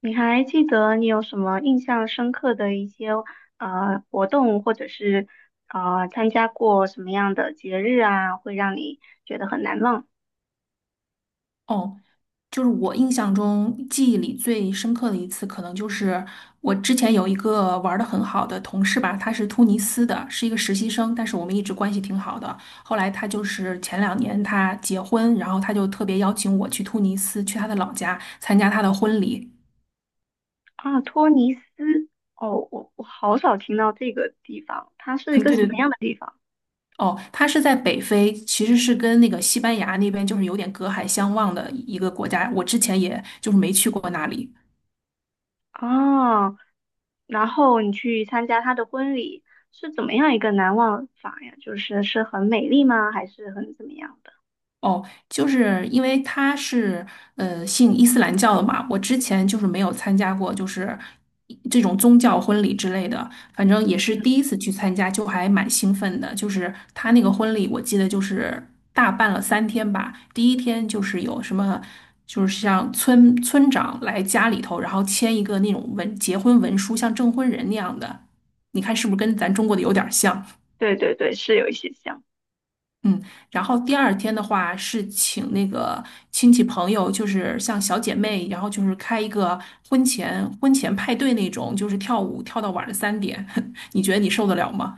你还记得你有什么印象深刻的一些活动，或者是参加过什么样的节日啊，会让你觉得很难忘哦，就是我印象中记忆里最深刻的一次，可能就是我之前有一个玩的很好的同事吧，他是突尼斯的，是一个实习生，但是我们一直关系挺好的。后来他就是前两年他结婚，然后他就特别邀请我去突尼斯，去他的老家参加他的婚礼。啊？托尼斯，哦，我好少听到这个地方，它 是一对个什对么对。样的地方哦，他是在北非，其实是跟那个西班牙那边就是有点隔海相望的一个国家，我之前也就是没去过那里。啊？然后你去参加他的婚礼，是怎么样一个难忘法呀？就是是很美丽吗？还是很怎么样的？哦，就是因为他是信伊斯兰教的嘛，我之前就是没有参加过，就是这种宗教婚礼之类的，反正也嗯，是第一次去参加，就还蛮兴奋的。就是他那个婚礼，我记得就是大办了三天吧，第一天就是有什么，就是像村长来家里头，然后签一个那种结婚文书，像证婚人那样的，你看是不是跟咱中国的有点儿像？对对对，是有一些像。嗯，然后第二天的话是请那个亲戚朋友，就是像小姐妹，然后就是开一个婚前派对那种，就是跳舞跳到晚上三点，你觉得你受得了吗？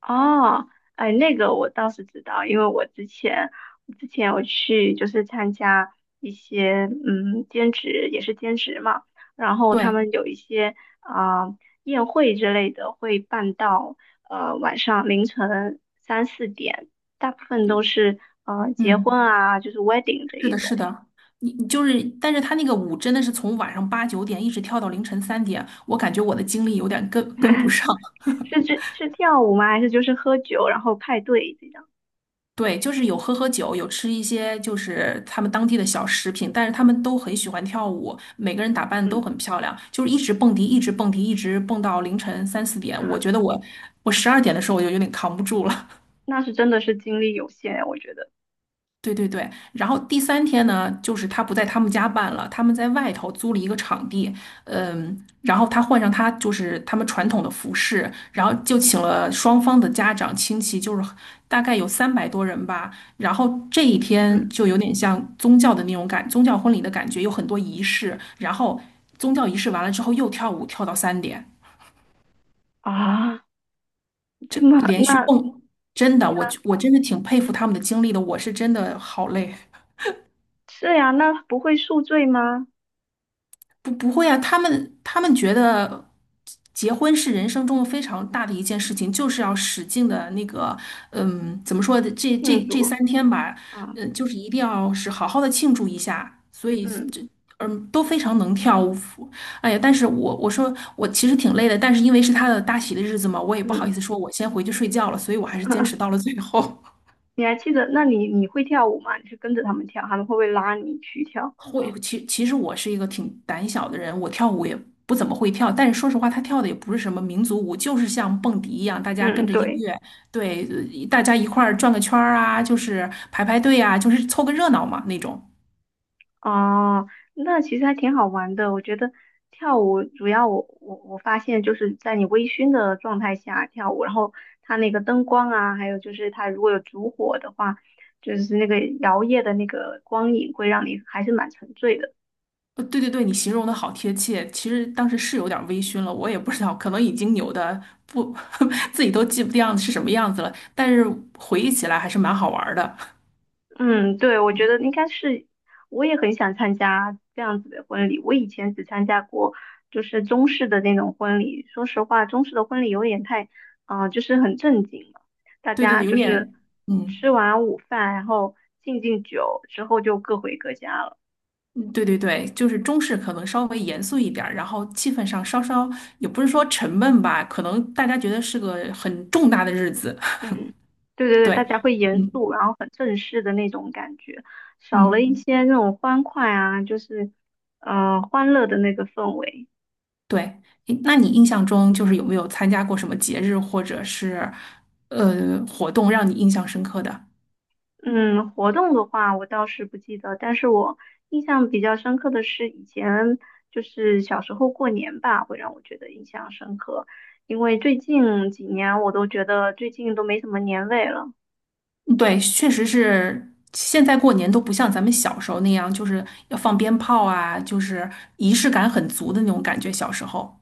哦，哎，那个我倒是知道，因为我之前我去就是参加一些兼职，也是兼职嘛，然后他对。们有一些啊、宴会之类的会办到晚上凌晨三四点，大部分都是结婚嗯，啊，就是 wedding 的是一的，是种，的，你就是，但是他那个舞真的是从晚上8、9点一直跳到凌晨三点，我感觉我的精力有点跟不上。是这是跳舞吗？还是就是喝酒然后派对这样？对，就是有喝喝酒，有吃一些就是他们当地的小食品，但是他们都很喜欢跳舞，每个人打扮都嗯，很漂亮，就是一直蹦迪，一直蹦迪，一直蹦到凌晨3、4点。我觉得我12点的时候我就有点扛不住了。那是真的是精力有限，我觉得。对对对，然后第三天呢，就是他不在他们家办了，他们在外头租了一个场地，嗯，然后他换上他就是他们传统的服饰，然后就请了双方的家长亲戚，就是大概有300多人吧。然后这一嗯。天就有点像宗教婚礼的感觉，有很多仪式。然后宗教仪式完了之后又跳舞，跳到三点，啊，这这么连续那蹦，真的，我真的挺佩服他们的经历的，我是真的好累。是呀，那不会宿醉吗？不会啊，他们觉得结婚是人生中非常大的一件事情，就是要使劲的那个，嗯，怎么说的这这庆这祝三天吧，啊，嗯，就是一定要是好好的庆祝一下，所以嗯这。嗯，都非常能跳舞。哎呀，但是我说我其实挺累的，但是因为是他的大喜的日子嘛，我也不好嗯，意思说我先回去睡觉了，所以我还是坚持到了 最后。你还记得？那你会跳舞吗？你是跟着他们跳，他们会不会拉你去跳？会，其实我是一个挺胆小的人，我跳舞也不怎么会跳，但是说实话，他跳的也不是什么民族舞，就是像蹦迪一样，大家跟嗯，着音对，乐，对，大家一块儿转个圈儿啊，就是排排队啊，就是凑个热闹嘛那种。哦，那其实还挺好玩的。我觉得跳舞主要我发现就是在你微醺的状态下跳舞，然后它那个灯光啊，还有就是它如果有烛火的话，就是那个摇曳的那个光影会让你还是蛮沉醉的。对对对，你形容的好贴切。其实当时是有点微醺了，我也不知道，可能已经扭的不 自己都记不掉是什么样子了，但是回忆起来还是蛮好玩儿的。嗯，对，我觉得应该是，我也很想参加这样子的婚礼。我以前只参加过就是中式的那种婚礼，说实话，中式的婚礼有点太，啊，就是很正经了，大对对家对，有就是点，嗯。吃完午饭，然后敬敬酒之后就各回各家了。对对对，就是中式可能稍微严肃一点儿然后气氛上稍稍也不是说沉闷吧，可能大家觉得是个很重大的日子。嗯，对对 对，大对，家会严嗯肃，然后很正式的那种感觉，少了嗯，一些那种欢快啊，就是，嗯、欢乐的那个氛围。对。诶那你印象中就是有没有参加过什么节日或者是活动让你印象深刻的？嗯，活动的话我倒是不记得，但是我印象比较深刻的是以前就是小时候过年吧，会让我觉得印象深刻，因为最近几年我都觉得最近都没什么年味了。嗯，对，确实是。现在过年都不像咱们小时候那样，就是要放鞭炮啊，就是仪式感很足的那种感觉。小时候，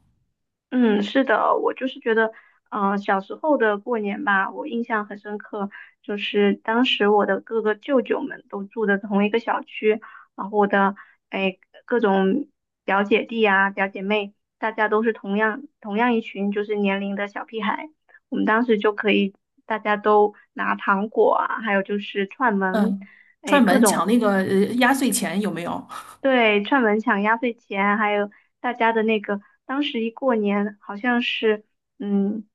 嗯，是的，我就是觉得，嗯、小时候的过年吧，我印象很深刻，就是当时我的各个舅舅们都住的同一个小区，然后我的哎各种表姐弟啊、表姐妹，大家都是同样一群就是年龄的小屁孩，我们当时就可以大家都拿糖果啊，还有就是串门，嗯，哎串各门抢种。那个压岁钱有没有？对，串门抢压岁钱，还有大家的那个，当时一过年好像是，嗯，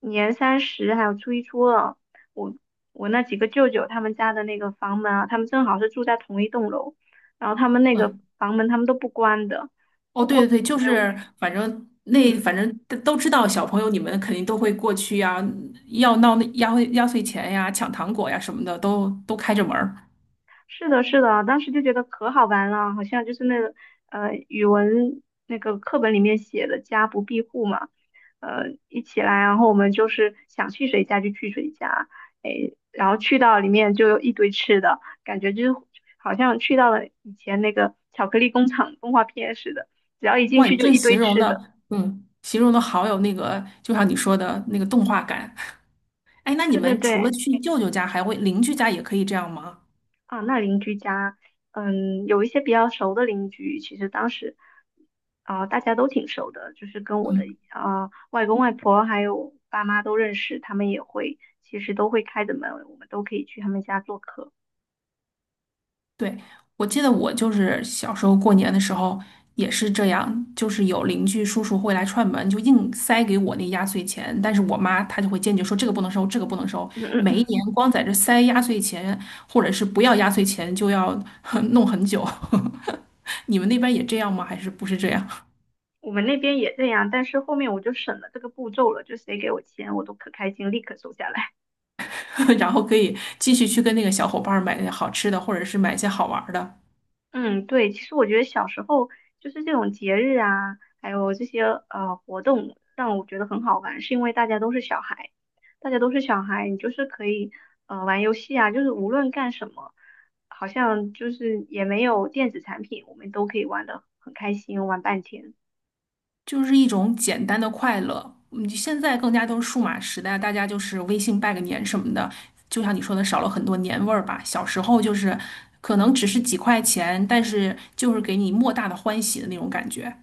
年三十还有初一初二，我我那几个舅舅他们家的那个房门啊，他们正好是住在同一栋楼，然后他们那个嗯，房门他们都不关的，哦，不对关，对对，就所以我是们反正那嗯。反正都知道，小朋友你们肯定都会过去呀，要闹那压岁钱呀、抢糖果呀什么的，都开着门儿。是的，是的，当时就觉得可好玩了，好像就是那个语文那个课本里面写的“家不闭户”嘛，一起来，然后我们就是想去谁家就去谁家，哎，然后去到里面就有一堆吃的，感觉就是好像去到了以前那个巧克力工厂动画片似的，只要一进哇，去你就这一堆形容吃的。的，嗯，形容的好有那个，就像你说的那个动画感。哎，那你对对们除了对。去舅舅家，还会邻居家也可以这样吗？啊，那邻居家，嗯，有一些比较熟的邻居，其实当时，啊、大家都挺熟的，就是跟我的嗯。啊、外公外婆还有爸妈都认识，他们也会，其实都会开着门，我们都可以去他们家做客。对，我记得我就是小时候过年的时候也是这样，就是有邻居叔叔会来串门，就硬塞给我那压岁钱，但是我妈她就会坚决说这个不能收，这个不能收。嗯嗯每一嗯，年光在这塞压岁钱，或者是不要压岁钱就要 弄很久。你们那边也这样吗？还是不是这样？我们那边也这样，但是后面我就省了这个步骤了，就谁给我钱，我都可开心，立刻收下来。然后可以继续去跟那个小伙伴儿买好吃的，或者是买一些好玩儿的。嗯，对，其实我觉得小时候就是这种节日啊，还有这些活动，让我觉得很好玩，是因为大家都是小孩，大家都是小孩，你就是可以玩游戏啊，就是无论干什么，好像就是也没有电子产品，我们都可以玩的很开心，玩半天。就是一种简单的快乐。嗯，现在更加都是数码时代，大家就是微信拜个年什么的，就像你说的，少了很多年味儿吧。小时候就是可能只是几块钱，但是就是给你莫大的欢喜的那种感觉。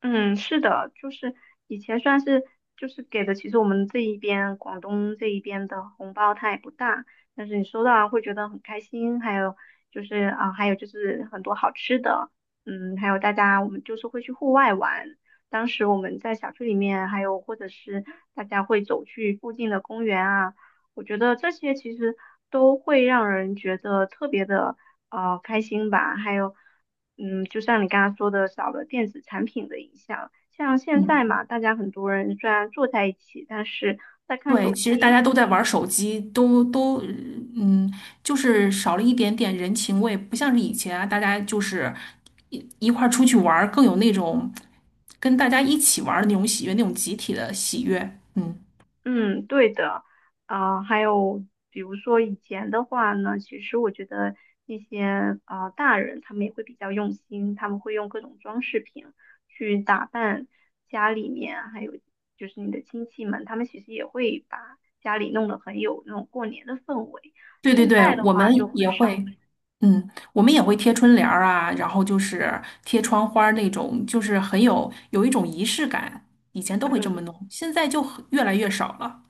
嗯，是的，就是以前算是就是给的，其实我们这一边广东这一边的红包它也不大，但是你收到啊会觉得很开心，还有就是啊，还有就是很多好吃的，嗯，还有大家我们就是会去户外玩，当时我们在小区里面，还有或者是大家会走去附近的公园啊。我觉得这些其实都会让人觉得特别的开心吧。还有，嗯，就像你刚刚说的，少了电子产品的影响。像现嗯，在嘛，大家很多人虽然坐在一起，但是在看对，手其实大家机，都在玩手机，都都嗯，就是少了一点点人情味，不像是以前啊，大家就是一块儿出去玩儿，更有那种跟大家一起玩儿的那种喜悦，那种集体的喜悦。嗯。嗯，对的，啊、还有比如说以前的话呢，其实我觉得一些啊、大人他们也会比较用心，他们会用各种装饰品去打扮家里面，还有就是你的亲戚们，他们其实也会把家里弄得很有那种过年的氛围。对对现对，在的我话就们也很少，会，嗯，我们也会贴春联儿啊，然后就是贴窗花儿那种，就是很有一种仪式感。以前都会这么嗯，弄，现在就很越来越少了。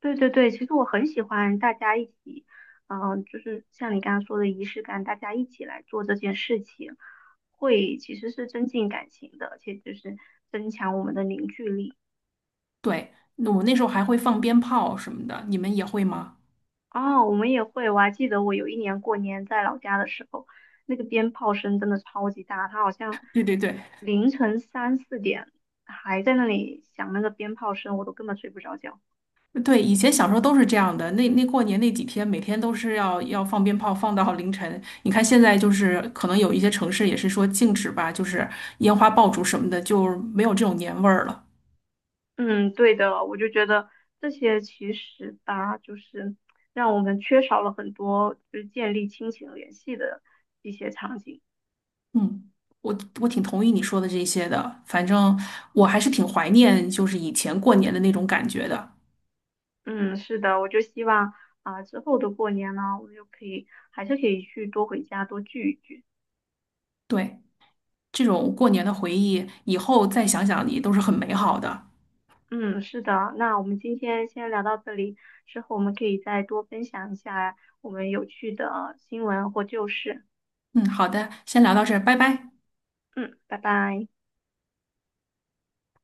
对对对，其实我很喜欢大家一起，嗯、就是像你刚刚说的仪式感，大家一起来做这件事情。会其实是增进感情的，而且就是增强我们的凝聚力。对，那我那时候还会放鞭炮什么的，你们也会吗？哦，我们也会，我还记得我有一年过年在老家的时候，那个鞭炮声真的超级大，它好像对对对凌晨三四点还在那里响那个鞭炮声，我都根本睡不着觉。对，以前小时候都是这样的。那过年那几天，每天都是要放鞭炮，放到凌晨。你看现在就是可能有一些城市也是说禁止吧，就是烟花爆竹什么的，就没有这种年味儿了。嗯，对的，我就觉得这些其实吧，就是让我们缺少了很多就是建立亲情联系的一些场景。嗯，我挺同意你说的这些的，反正我还是挺怀念就是以前过年的那种感觉的。嗯，是的，我就希望啊、之后的过年呢，我们就可以还是可以去多回家多聚一聚。对，这种过年的回忆，以后再想想也都是很美好的。嗯，是的，那我们今天先聊到这里，之后我们可以再多分享一下我们有趣的新闻或旧事。嗯，好的，先聊到这儿，拜拜。嗯，拜拜。